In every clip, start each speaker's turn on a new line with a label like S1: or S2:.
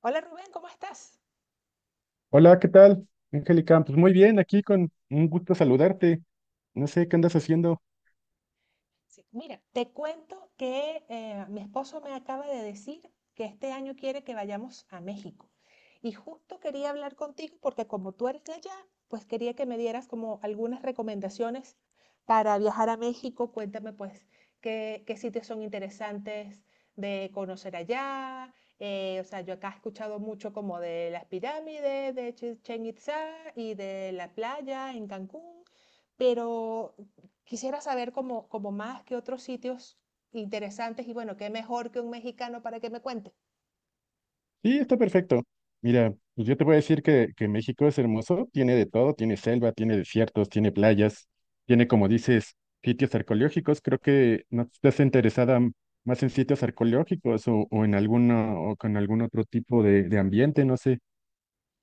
S1: Hola Rubén, ¿cómo estás?
S2: Hola, ¿qué tal, Angélica? Pues muy bien, aquí con un gusto saludarte. No sé qué andas haciendo.
S1: Sí, mira, te cuento que mi esposo me acaba de decir que este año quiere que vayamos a México. Y justo quería hablar contigo porque como tú eres de allá, pues quería que me dieras como algunas recomendaciones para viajar a México. Cuéntame pues qué sitios son interesantes de conocer allá. O sea, yo acá he escuchado mucho como de las pirámides, de Chichén Itzá y de la playa en Cancún. Pero quisiera saber como más que otros sitios interesantes y bueno, qué mejor que un mexicano para que me cuente.
S2: Sí, está perfecto. Mira, pues yo te voy a decir que México es hermoso, tiene de todo, tiene selva, tiene desiertos, tiene playas, tiene, como dices, sitios arqueológicos. Creo que no estás interesada más en sitios arqueológicos o en alguno, o con algún otro tipo de ambiente, no sé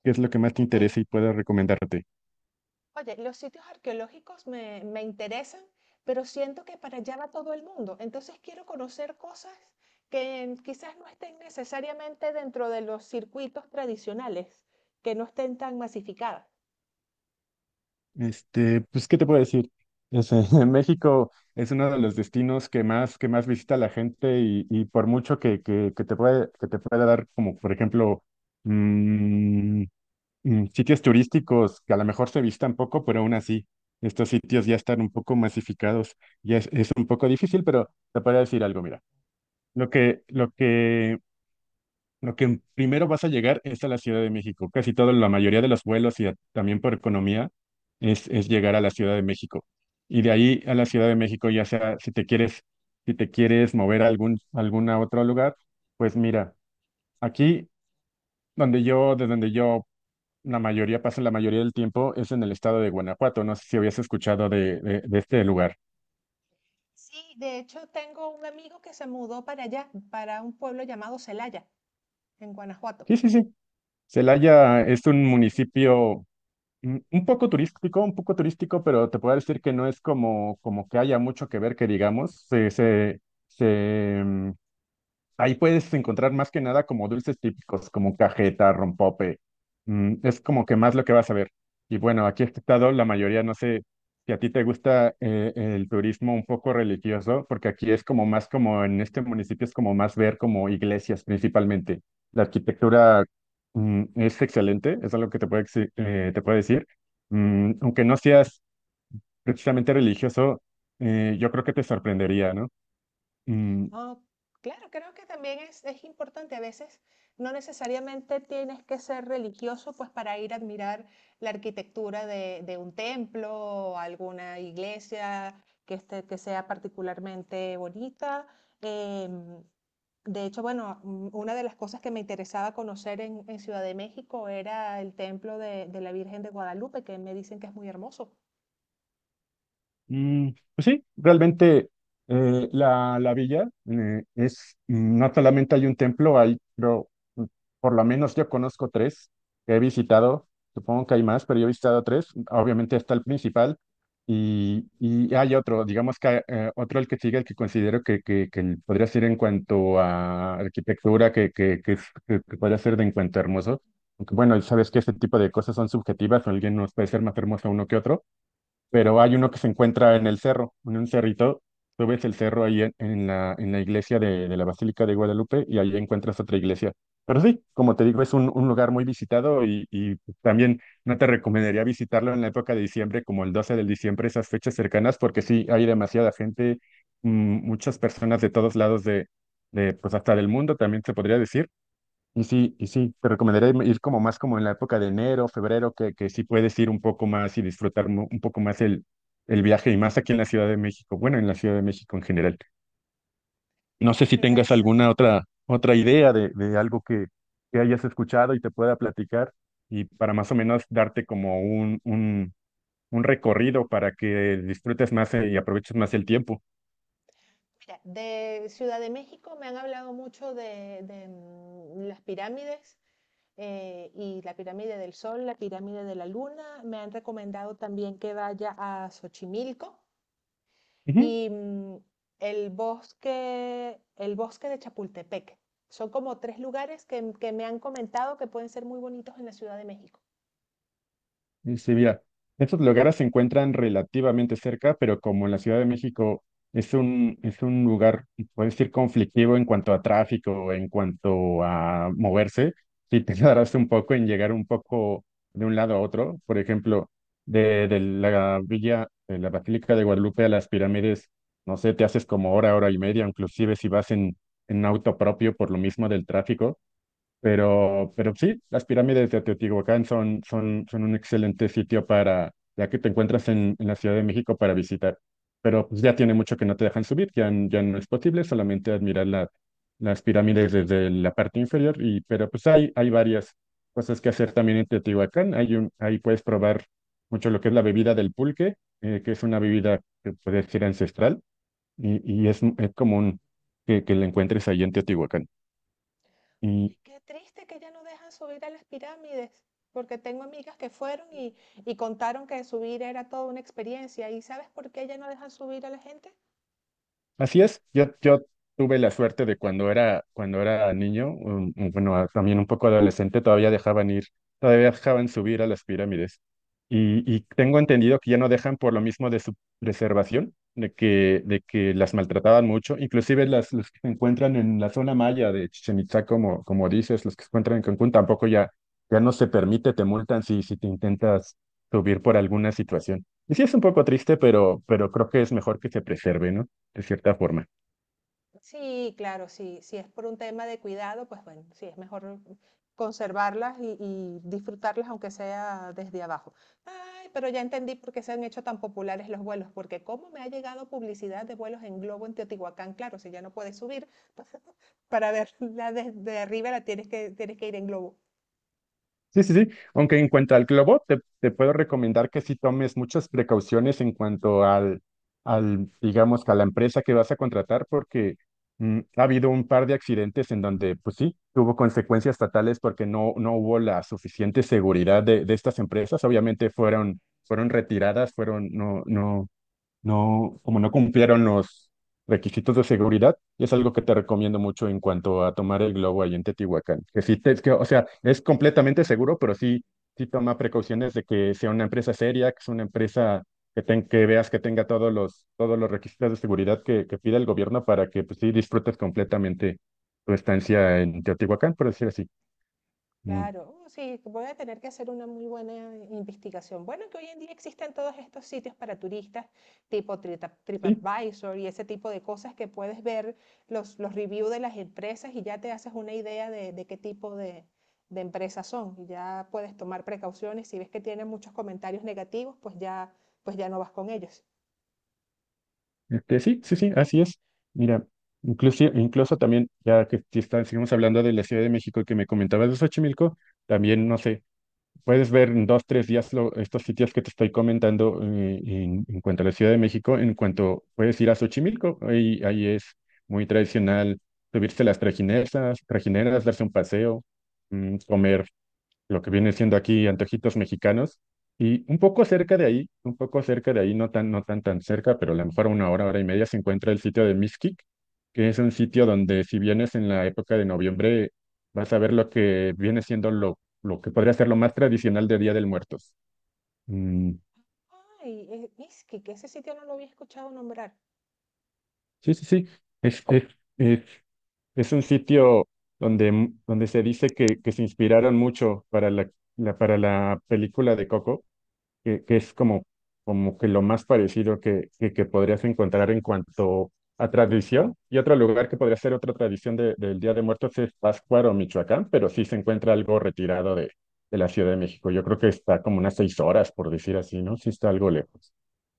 S2: qué es lo que más te interesa
S1: Eh,
S2: y puedo recomendarte.
S1: oye, los sitios arqueológicos me interesan, pero siento que para allá va todo el mundo. Entonces quiero conocer cosas que quizás no estén necesariamente dentro de los circuitos tradicionales, que no estén tan masificadas.
S2: Este, pues, ¿qué te puedo decir? México es uno de los destinos que más visita la gente y por mucho que te pueda dar, como por ejemplo, mm, sitios turísticos que a lo mejor se visitan poco, pero aún así, estos sitios ya están un poco masificados. Ya es un poco difícil, pero te podría decir algo. Mira, Lo que, lo que lo que primero vas a llegar es a la Ciudad de México. Casi toda la mayoría de los vuelos y también por economía es llegar a la Ciudad de México. Y de ahí a la Ciudad de México, ya sea si te quieres mover a algún otro lugar, pues mira, aquí de donde yo la mayoría pasa la mayoría del tiempo es en el estado de Guanajuato. No sé si habías escuchado de este lugar.
S1: Sí, de hecho tengo un amigo que se mudó para allá, para un pueblo llamado Celaya, en Guanajuato.
S2: Sí, sí, sí. Celaya es un municipio. Un poco turístico, un poco turístico, pero te puedo decir que no es como que haya mucho que ver, que digamos. Se, mm, Ahí puedes encontrar más que nada como dulces típicos, como cajeta, rompope. Es como que más lo que vas a ver. Y bueno, aquí en este estado, la mayoría, no sé si a ti te gusta el turismo un poco religioso, porque aquí es como más como en este municipio es como más ver como iglesias principalmente. La arquitectura es excelente, es algo que te puedo decir. Aunque no seas precisamente religioso, yo creo que te sorprendería, ¿no? Mm,
S1: Ah, claro, creo que también es importante. A veces no necesariamente tienes que ser religioso pues para ir a admirar la arquitectura de un templo o alguna iglesia que sea particularmente bonita. Em, de hecho, bueno, una de las cosas que me interesaba conocer en Ciudad de México era el templo de la Virgen de Guadalupe, que me dicen que es muy hermoso.
S2: Mm, pues sí, realmente la villa no solamente hay un templo, hay, creo, mm, por lo menos yo conozco tres que he visitado, supongo que hay más, pero yo he visitado tres, obviamente está el principal y hay otro, digamos que otro el que sigue, el que considero que podría ser en cuanto a arquitectura, que podría ser de en cuanto a hermoso, aunque bueno, sabes que este tipo de cosas son subjetivas, alguien nos puede ser más hermoso uno que otro pero hay uno que se encuentra en el cerro, en un cerrito. Tú ves el cerro ahí en la iglesia de la Basílica de Guadalupe y ahí encuentras otra iglesia. Pero sí, como te digo, es un lugar muy visitado y también no te recomendaría visitarlo en la época de diciembre, como el 12 de diciembre, esas fechas cercanas, porque sí, hay demasiada gente, muchas personas de todos lados pues hasta del mundo, también se podría decir y sí, te recomendaría ir como más como en la época de enero, febrero, que sí puedes ir un poco más y disfrutar un poco más el viaje y más aquí en la Ciudad de México, bueno, en la Ciudad de México en general. No sé
S1: Ay,
S2: si
S1: qué
S2: tengas
S1: interesante.
S2: alguna otra idea de algo que hayas escuchado y te pueda platicar y para más o menos darte como un recorrido para que disfrutes más y aproveches más el tiempo.
S1: Mira, de Ciudad de México me han hablado mucho de las pirámides y la pirámide del Sol, la pirámide de la Luna. Me han recomendado también que vaya a Xochimilco y el bosque de Chapultepec. Son como tres lugares que me han comentado que pueden ser muy bonitos en la Ciudad de México.
S2: Dice, mira, estos lugares se encuentran relativamente cerca, pero como en la Ciudad de México es un lugar, puede decir, conflictivo en cuanto a tráfico, en cuanto a moverse, si te tardas un poco en llegar un poco de un lado a otro. Por ejemplo, de la villa, de la Basílica de Guadalupe a las pirámides, no sé, te haces como hora, hora y media, inclusive si vas en auto propio por lo mismo del tráfico pero sí, las pirámides de Teotihuacán son un excelente sitio para, ya que te encuentras en la Ciudad de México para visitar. Pero pues, ya tiene mucho que no te dejan subir, ya no es posible, solamente admirar las pirámides desde la parte inferior. Pero pues hay varias cosas que hacer también en Teotihuacán. Ahí puedes probar mucho lo que es la bebida del pulque, que es una bebida que puede ser ancestral y es común que la encuentres ahí en Teotihuacán.
S1: Qué triste que ya no dejan subir a las pirámides, porque tengo amigas que fueron y contaron que subir era toda una experiencia. ¿Y sabes por qué ya no dejan subir a la gente?
S2: Así es, yo tuve la suerte de cuando era niño, bueno, también un poco adolescente, todavía dejaban subir a las pirámides. Y tengo entendido que ya no dejan por lo mismo de su preservación, de que las maltrataban mucho, inclusive los que se encuentran en la zona maya de Chichen Itzá, como dices, los que se encuentran en Cancún, tampoco ya no se permite, te multan si te intentas subir por alguna situación. Y sí es un poco triste, pero creo que es mejor que se preserve, ¿no?, de cierta forma.
S1: Sí, claro, sí, si es por un tema de cuidado, pues bueno, sí, es mejor conservarlas y disfrutarlas aunque sea desde abajo. Ay, pero ya entendí por qué se han hecho tan populares los vuelos, porque cómo me ha llegado publicidad de vuelos en globo en Teotihuacán, claro, si ya no puedes subir, pues, para verla desde arriba la tienes que ir en globo.
S2: Sí, sí, sí. Aunque en cuanto al globo, te puedo recomendar que sí tomes muchas precauciones en cuanto al, digamos, que a la empresa que vas a contratar, porque ha habido un par de accidentes en donde, pues sí, tuvo consecuencias fatales porque no hubo la suficiente seguridad de estas empresas. Obviamente fueron retiradas, no, no, no, como no cumplieron los requisitos de seguridad, y es algo que te recomiendo mucho en cuanto a tomar el globo ahí en Teotihuacán. Que sí, es que, o sea, es completamente seguro, pero sí, sí toma precauciones de que sea una empresa seria, que sea una empresa que veas que tenga todos los requisitos de seguridad que pide el gobierno para que pues, sí disfrutes completamente tu estancia en Teotihuacán, por decir así. Mm.
S1: Claro, oh, sí, voy a tener que hacer una muy buena investigación. Bueno, que hoy en día existen todos estos sitios para turistas, tipo
S2: Sí,
S1: TripAdvisor y ese tipo de cosas que puedes ver los reviews de las empresas y ya te haces una idea de qué tipo de empresas son. Y ya puedes tomar precauciones. Si ves que tienen muchos comentarios negativos, pues ya no vas con ellos.
S2: Sí, sí, sí, así es. Mira, incluso también, ya que si está- seguimos hablando de la Ciudad de México que me comentabas de Xochimilco, también, no sé, puedes ver en dos, tres días estos sitios que te estoy comentando en cuanto a la Ciudad de México, en cuanto puedes ir a Xochimilco, ahí es muy tradicional subirse a las trajineras, darse un paseo, comer lo que viene siendo aquí antojitos mexicanos. Y un poco cerca de ahí, un poco cerca de ahí, no tan, tan cerca, pero a lo mejor a una hora, hora y media, se encuentra el sitio de Mixquic, que es un sitio donde si vienes en la época de noviembre, vas a ver lo que viene siendo lo que podría ser lo más tradicional de Día del Muertos. Mm,
S1: Ay, es que ese sitio no lo había escuchado nombrar.
S2: sí, sí, sí. Es, es, es, es un sitio donde se dice que se inspiraron mucho para para la película de Coco que es como que lo más parecido que podrías encontrar en cuanto a tradición. Y otro lugar que podría ser otra tradición del Día de Muertos es Pátzcuaro o Michoacán, pero sí se encuentra algo retirado de la Ciudad de México. Yo creo que está como unas 6 horas, por decir así, ¿no? Sí está algo lejos.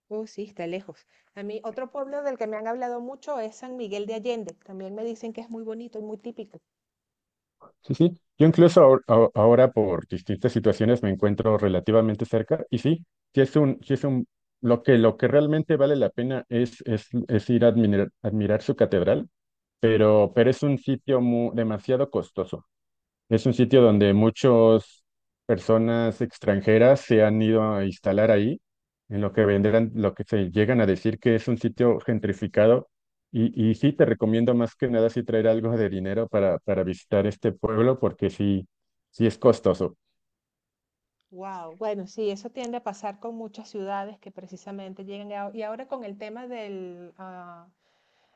S1: Oh, sí, está lejos. A mí, otro pueblo del que me han hablado mucho es San Miguel de Allende. También me dicen que es muy bonito y muy típico.
S2: Sí, sí. Yo incluso ahora por distintas situaciones me encuentro relativamente cerca y sí, sí es un, sí es un, lo que realmente vale la pena es ir a admirar su catedral pero es un sitio demasiado costoso. Es un sitio donde muchas personas extranjeras se han ido a instalar ahí, en lo que vendrán, lo que se llegan a decir que es un sitio gentrificado. Y sí, te recomiendo más que nada sí traer algo de dinero para visitar este pueblo, porque sí, sí es costoso.
S1: Wow. Bueno, sí, eso tiende a pasar con muchas ciudades que precisamente llegan. Y ahora con el tema del, ah,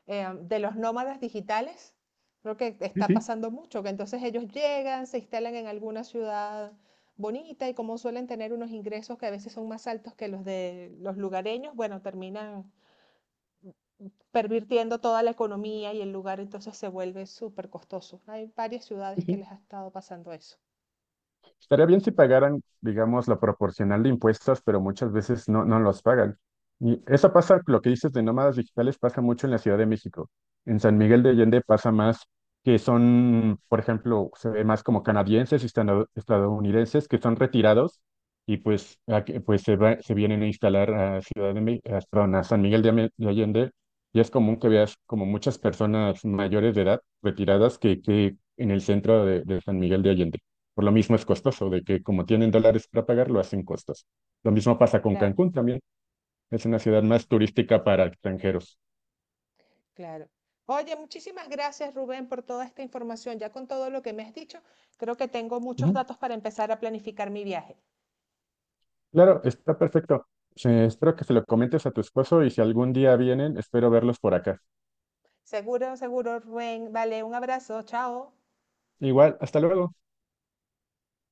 S1: eh, de los nómadas digitales, creo que
S2: Sí,
S1: está
S2: sí,
S1: pasando mucho, que entonces ellos llegan, se instalan en alguna ciudad bonita y como suelen tener unos ingresos que a veces son más altos que los de los lugareños, bueno, terminan pervirtiendo toda la economía y el lugar entonces se vuelve súper costoso. Hay varias
S2: sí,
S1: ciudades que
S2: sí.
S1: les ha estado pasando eso.
S2: Estaría bien si pagaran, digamos, la proporcional de impuestos, pero muchas veces no los pagan. Y eso pasa, lo que dices de nómadas digitales pasa mucho en la Ciudad de México. En San Miguel de Allende pasa más que son, por ejemplo, se ve más como canadienses y estadounidenses que son retirados y pues, se vienen a instalar a Ciudad de México, a San Miguel de Allende. Y es común que veas como muchas personas mayores de edad retiradas que en el centro de San Miguel de Allende. Por lo mismo es costoso, de que como tienen dólares para pagar, lo hacen costos. Lo mismo pasa con
S1: Claro,
S2: Cancún también. Es una ciudad más turística para extranjeros.
S1: claro. Oye, muchísimas gracias Rubén por toda esta información. Ya con todo lo que me has dicho, creo que tengo muchos
S2: Ujú.
S1: datos para empezar a planificar mi viaje.
S2: Claro, está perfecto. Espero que se lo comentes a tu esposo y si algún día vienen, espero verlos por acá.
S1: Seguro, seguro, Rubén. Vale, un abrazo. Chao.
S2: Igual, hasta luego.